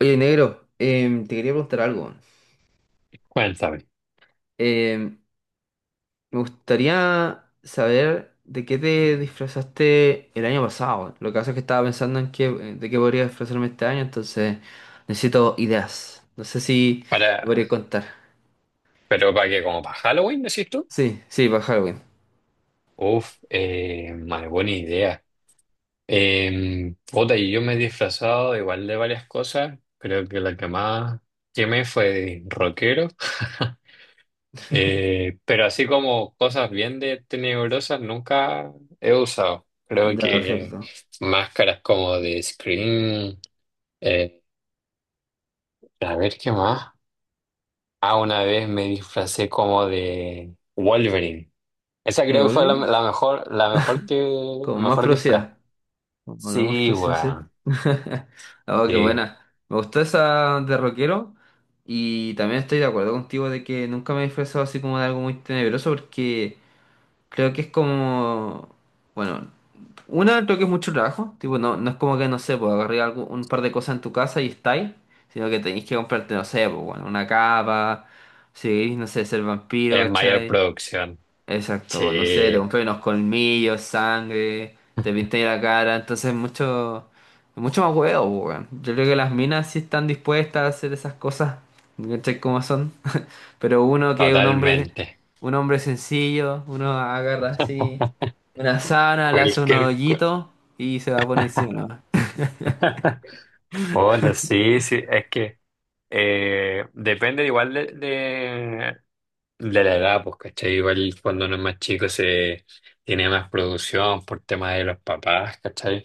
Oye, negro, te quería preguntar algo. Cuéntame. Em, Me gustaría saber de qué te disfrazaste el año pasado. Lo que pasa es que estaba pensando en qué, de qué podría disfrazarme este año, entonces necesito ideas. No sé si me Para, podría contar. pero para que como para Halloween, decís tú. Sí, sí, para Halloween. Uf, madre, buena idea. Puta, y yo me he disfrazado igual de varias cosas. Creo que la que más quemé fue de rockero. Pero así como cosas bien de tenebrosas nunca he usado. Creo Ya, que perfecto. máscaras como de Scream. eh, a ver qué más. Ah, una vez me disfracé como de Wolverine. Esa ¿De creo que fue la, Halloween la mejor, la mejor que, con más mejor disfraz. velocidad. Hablamos Sí, recién, sí. weón. Oh, qué Sí. buena. Me gustó esa de rockero. Y también estoy de acuerdo contigo de que nunca me he disfrazado así como de algo muy tenebroso porque creo que es como... Bueno, una, creo que es mucho trabajo. Tipo, no, no es como que, no sé, pues agarré algo, un par de cosas en tu casa y estáis. Sino que tenéis que comprarte, no sé, pues bueno, una capa. Si queréis, no sé, ser vampiro, Es mayor ¿cachai? producción. Exacto, pues, no sé, te Sí, compré unos colmillos, sangre, te pinté la cara, entonces mucho, mucho más huevo, po, weón. Yo creo que las minas sí están dispuestas a hacer esas cosas, ¿cachai cómo son? Pero uno que es totalmente. un hombre sencillo, uno agarra así una sábana, le hace un Cualquier cosa. hoyito y se va por encima. Bueno, sí, sí. Es que depende igual de la edad, pues, ¿cachai? Igual cuando uno es más chico se tiene más producción por temas de los papás, ¿cachai?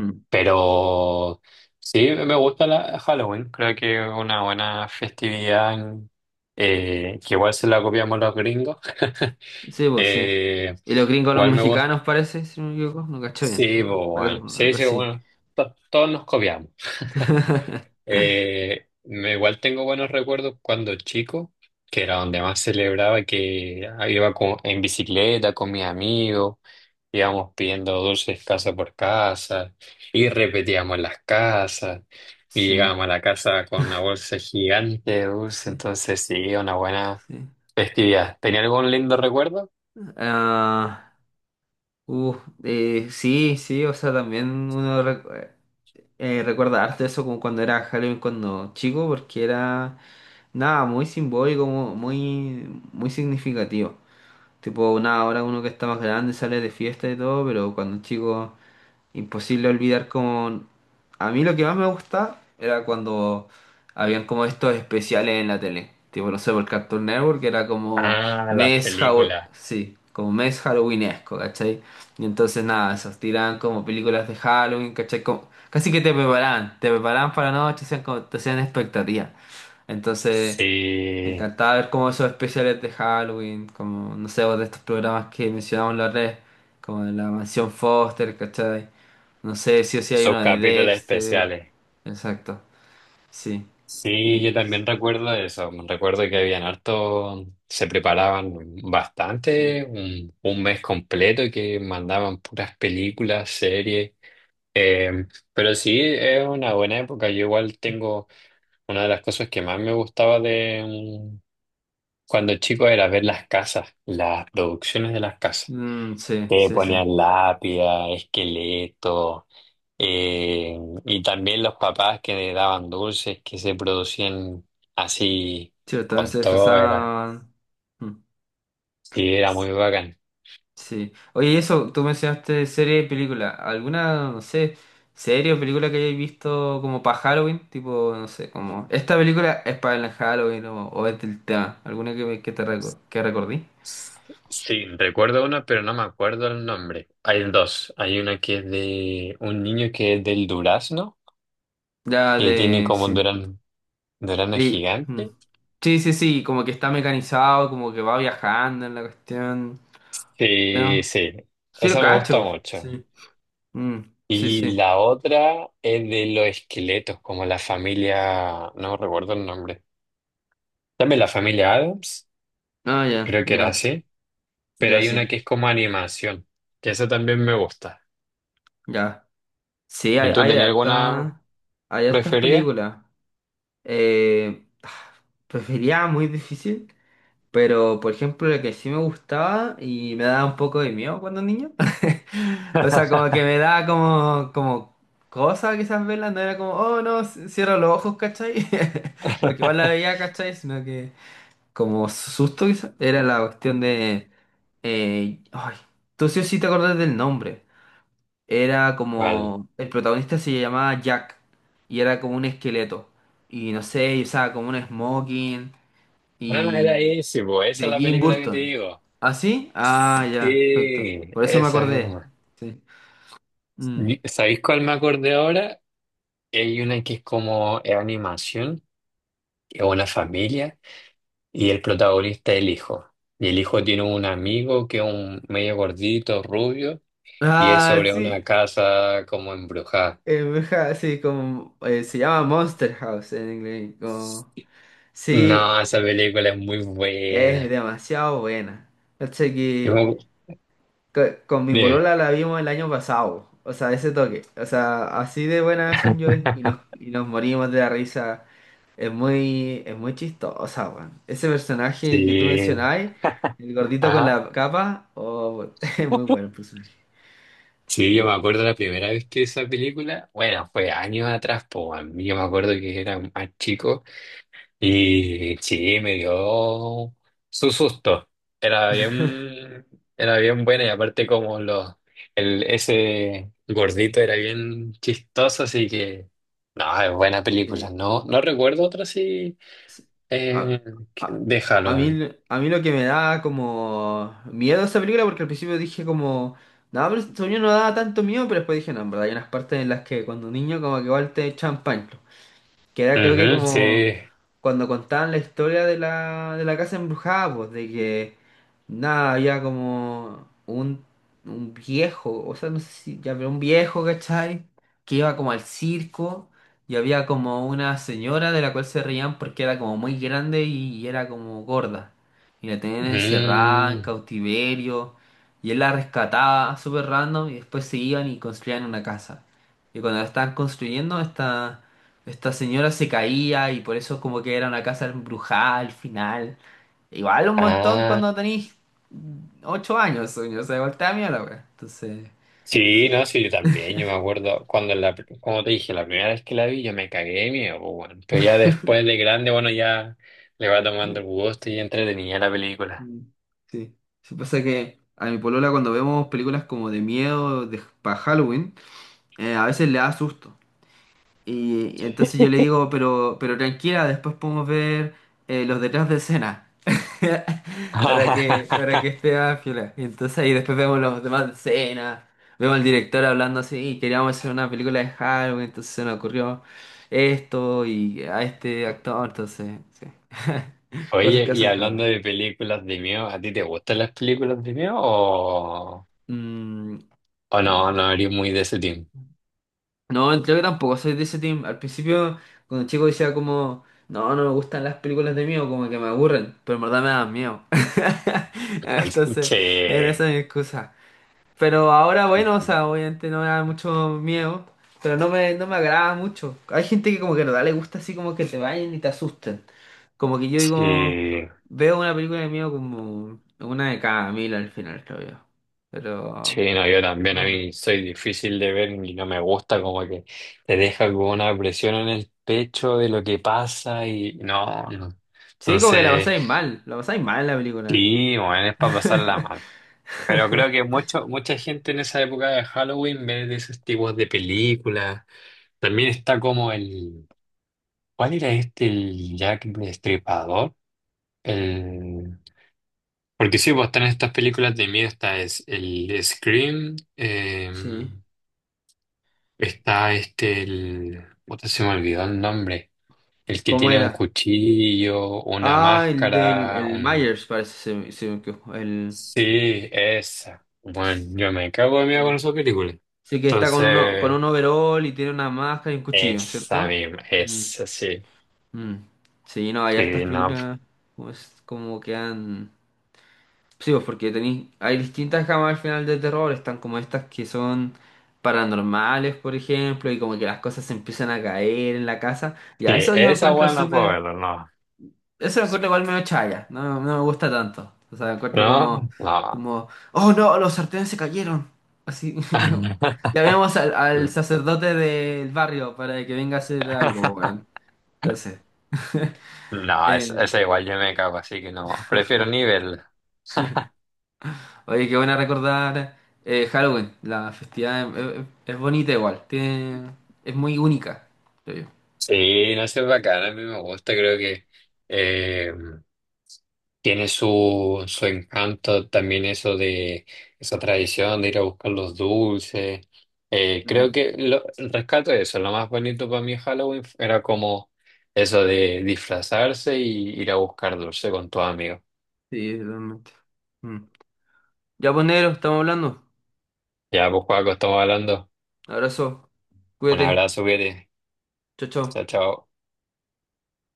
Mm. Pero sí, me gusta la Halloween. Creo que es una buena festividad que igual se la copiamos los gringos. Sí, pues sí. Eh, Y los gringos, los Igual me gusta. mexicanos parece, si no me equivoco, no cacho bien, Sí, pero pues, parece bueno. Sí, algo sí, así. bueno. Todos nos copiamos. Igual tengo buenos recuerdos cuando chico, que era donde más celebraba, que iba en bicicleta con mis amigos, íbamos pidiendo dulces casa por casa y repetíamos las casas y Sí, llegábamos a la casa con una bolsa gigante de dulces, sí, entonces sí, una buena sí. festividad. ¿Tenía algún lindo recuerdo? Ah, uh, sí, sí, o sea, también recuerda harto eso como cuando era Halloween cuando chico, porque era nada, muy simbólico, muy, muy significativo. Tipo, nada, ahora uno que está más grande sale de fiesta y todo, pero cuando chico imposible olvidar con... A mí lo que más me gustaba era cuando habían como estos especiales en la tele. Tipo, no sé, por Cartoon Network era como Ah, las mes Halloween... películas. Sí, como mes halloweenesco, ¿cachai? Y entonces nada, esos tiraban como películas de Halloween, ¿cachai? Como... Casi que te preparaban para la noche, hacían como... te hacían expectativas. Entonces... Me Sí, encantaba ver como esos especiales de Halloween, como, no sé, o de estos programas que mencionamos la red, como de la Mansión Foster, ¿cachai? No sé, sí o sí hay sus uno de capítulos Dexter. especiales. Exacto, sí. Sí, Y... yo también recuerdo eso. Recuerdo que habían harto, se preparaban Sí. bastante, un mes completo que mandaban puras películas, series. Eh, pero sí, es una buena época. Yo igual tengo una de las cosas que más me gustaba de cuando chico era ver las casas, las producciones de las casas. Mm, sí, Que sí, sí. ponían lápida, esqueleto. Eh, y también los papás que le daban dulces que se producían así Sí, también con se todo, era, disfrazaban. Mm. sí, era muy bacán. Sí. Oye, y eso, tú mencionaste serie y película. ¿Alguna, no sé, serie o película que hayáis visto como para Halloween? Tipo, no sé, como... Esta película es para el Halloween o es del tema. ¿Alguna que, que que recordí? Sí, recuerdo uno, pero no me acuerdo el nombre. Hay dos. Hay una que es de un niño que es del durazno, Ya que tiene de... como un Sí. durazno, durazno Y, mm. gigante. Sí, sí, sí. Como que está mecanizado, como que va viajando en la cuestión. Sí, ¿No? sí, Sí, lo esa me gusta cacho. mucho. Sí. Mm, sí, Y sí. la otra es de los esqueletos, como la familia, no recuerdo el nombre. También la familia Adams. Ah, ya, Creo que era ya, así, pero ya, hay una sí. que es como animación, que esa también me gusta. Ya. Sí, ¿Y tú tenías alguna hay hartas preferida? películas. Eh, prefería muy difícil, pero por ejemplo, lo que sí me gustaba y me daba un poco de miedo cuando niño. O sea, como que me daba como, como cosa quizás verla, no era como, oh no, cierro los ojos, ¿cachai? Porque igual la veía, ¿cachai? Sino que como susto quizás, era la cuestión de. Ay, tú sí o sí te acordás del nombre. Era ¿Cuál? como, el protagonista se llamaba Jack y era como un esqueleto. Y no sé, y usaba como un smoking Ah, y era ese, po, esa es de la Jim película que te Burton. digo. ¿Ah, sí? Ah, ya, perfecto. Sí, Por eso me esa acordé. misma. Sí. Mm. ¿Sabéis cuál me acordé ahora? Hay una que es como es animación, que es una familia, y el protagonista es el hijo. Y el hijo tiene un amigo que es un medio gordito, rubio, y es Ah, sobre una sí. casa como embrujada. Bruja, sí, como se llama Monster House en inglés. Como, sí, No, esa película es muy es buena. demasiado buena. Cacha Yo que me- Co- con mi Dime. polola la vimos el año pasado, o sea, ese toque, o sea, así de buenas son yo y nos morimos de la risa. Es muy chistosa, weón. Ese personaje que tú Sí. mencionabas, el gordito con Ajá. la capa, oh, es muy bueno el personaje. Sí, yo me Sí, acuerdo la primera vez que esa película, bueno, fue años atrás, pues a mí yo me acuerdo que era más chico y sí, me dio su susto. Era bien, era bien buena y aparte como ese gordito era bien chistoso, así que, no, es buena película. sí. No, no recuerdo otra así Sí. A, eh, a, de a mí, Halloween. a mí lo que me da como miedo esa película, porque al principio dije como, no, pero según yo no daba tanto miedo, pero después dije, no, en verdad, hay unas partes en las que cuando niño como que igual te echan pan. Que era creo que Ujú, como sí. cuando contaban la historia de la casa embrujada, pues, de que nada, había como un viejo, o sea, no sé si ya había un viejo, ¿cachai? Que iba como al circo y había como una señora de la cual se reían porque era como muy grande y era como gorda. Y la tenían encerrada en Mm. cautiverio y él la rescataba súper random y después se iban y construían una casa. Y cuando la estaban construyendo, esta señora se caía y por eso como que era una casa embrujada al final. Igual un montón Ah, cuando tenéis ocho años, sueño. O sea, igual te da miedo la wea. Entonces, sí, no, sí, yo también. Yo me acuerdo cuando, como te dije, la primera vez que la vi, yo me cagué de miedo, pues, bueno. Pero ya después de grande, bueno, ya le va tomando mm, el gusto y entretenía la película. mm, sí. Sí, pasa que a mi polola cuando vemos películas como de miedo de, para Halloween, a veces le da susto. Y entonces yo le digo, pero tranquila, después podemos ver los detrás de escena. Para que, para que esté más piola. Y entonces ahí después vemos los demás de escena, vemos al director hablando así, queríamos hacer una película de Halloween, entonces se nos ocurrió esto y a este actor, entonces, sí. Cosas Oye, que y hacen en hablando Halloween. de películas de miedo, ¿a ti te gustan las películas de miedo Mm. o no? No eres muy de ese team. No, creo que tampoco soy de ese team. Al principio, cuando chico decía como, no, no me gustan las películas de miedo, como que me aburren, pero en verdad me dan miedo. Entonces, era esa Che, mi excusa. Pero ahora, bueno, o sea, obviamente no me da mucho miedo, pero no me agrada mucho. Hay gente que como que en verdad le gusta así como que te vayan y te asusten. Como que yo digo, che. veo una película de miedo como una de cada mil al final, creo yo. Pero... Sí, no, yo también a Bueno. mí soy difícil de ver y no me gusta como que te deja como una presión en el pecho de lo que pasa y no, no. Sí, como que Entonces, la pasáis mal en la película. sí, bueno, es para pasarla mal. Pero creo que mucho, mucha gente en esa época de Halloween ve de esos tipos de películas. También está como el, ¿cuál era este? El Jack Destripador. El, porque sí, pues están estas películas de miedo, esta es el Scream. Sí, Está este, el... puta, se me olvidó el nombre. El que ¿cómo tiene un era? cuchillo, una Ah, el del máscara, el un... Myers, parece, se me quedó, el... Sí, esa. Bueno, yo me cago de miedo con Sí. esa película. Sí, que está con, uno, con Entonces, un overall y tiene una máscara y un cuchillo, esa ¿cierto? misma, Mm, esa sí. mm. Sí, no, hay hartas Sí, no. películas como, como que han... Sí, pues porque tenéis... Hay distintas gamas al final de terror, están como estas que son paranormales, por ejemplo, y como que las cosas se empiezan a caer en la casa. Sí, Ya, eso yo esa encuentro weá no puedo súper... verla, no. Eso lo encuentro igual medio chaya, no, no me gusta tanto. O sea, encuentro como, No, no. como, oh no, los sartenes se cayeron. Así. Llamemos al sacerdote del barrio para que venga a hacer algo, weón. Entonces, No, eh, esa igual yo me cago, así que no. Prefiero ni verla. oye, qué buena recordar Halloween. La festividad es, es bonita igual, tiene, es muy única, creo Sí, no sé, es bacán, a mí me gusta, creo que eh, tiene su, su encanto también eso de esa tradición de ir a buscar los dulces. Yo. Creo Mm, que lo, rescato eso, lo más bonito para mí de Halloween era como eso de disfrazarse y ir a buscar dulce con tus amigos. sí, realmente. Mm. Ya, pues, negro, estamos hablando. Ya, pues Paco, estamos hablando. Abrazo, Un cuídate, abrazo, Vete. chao, chao. Chao, chao.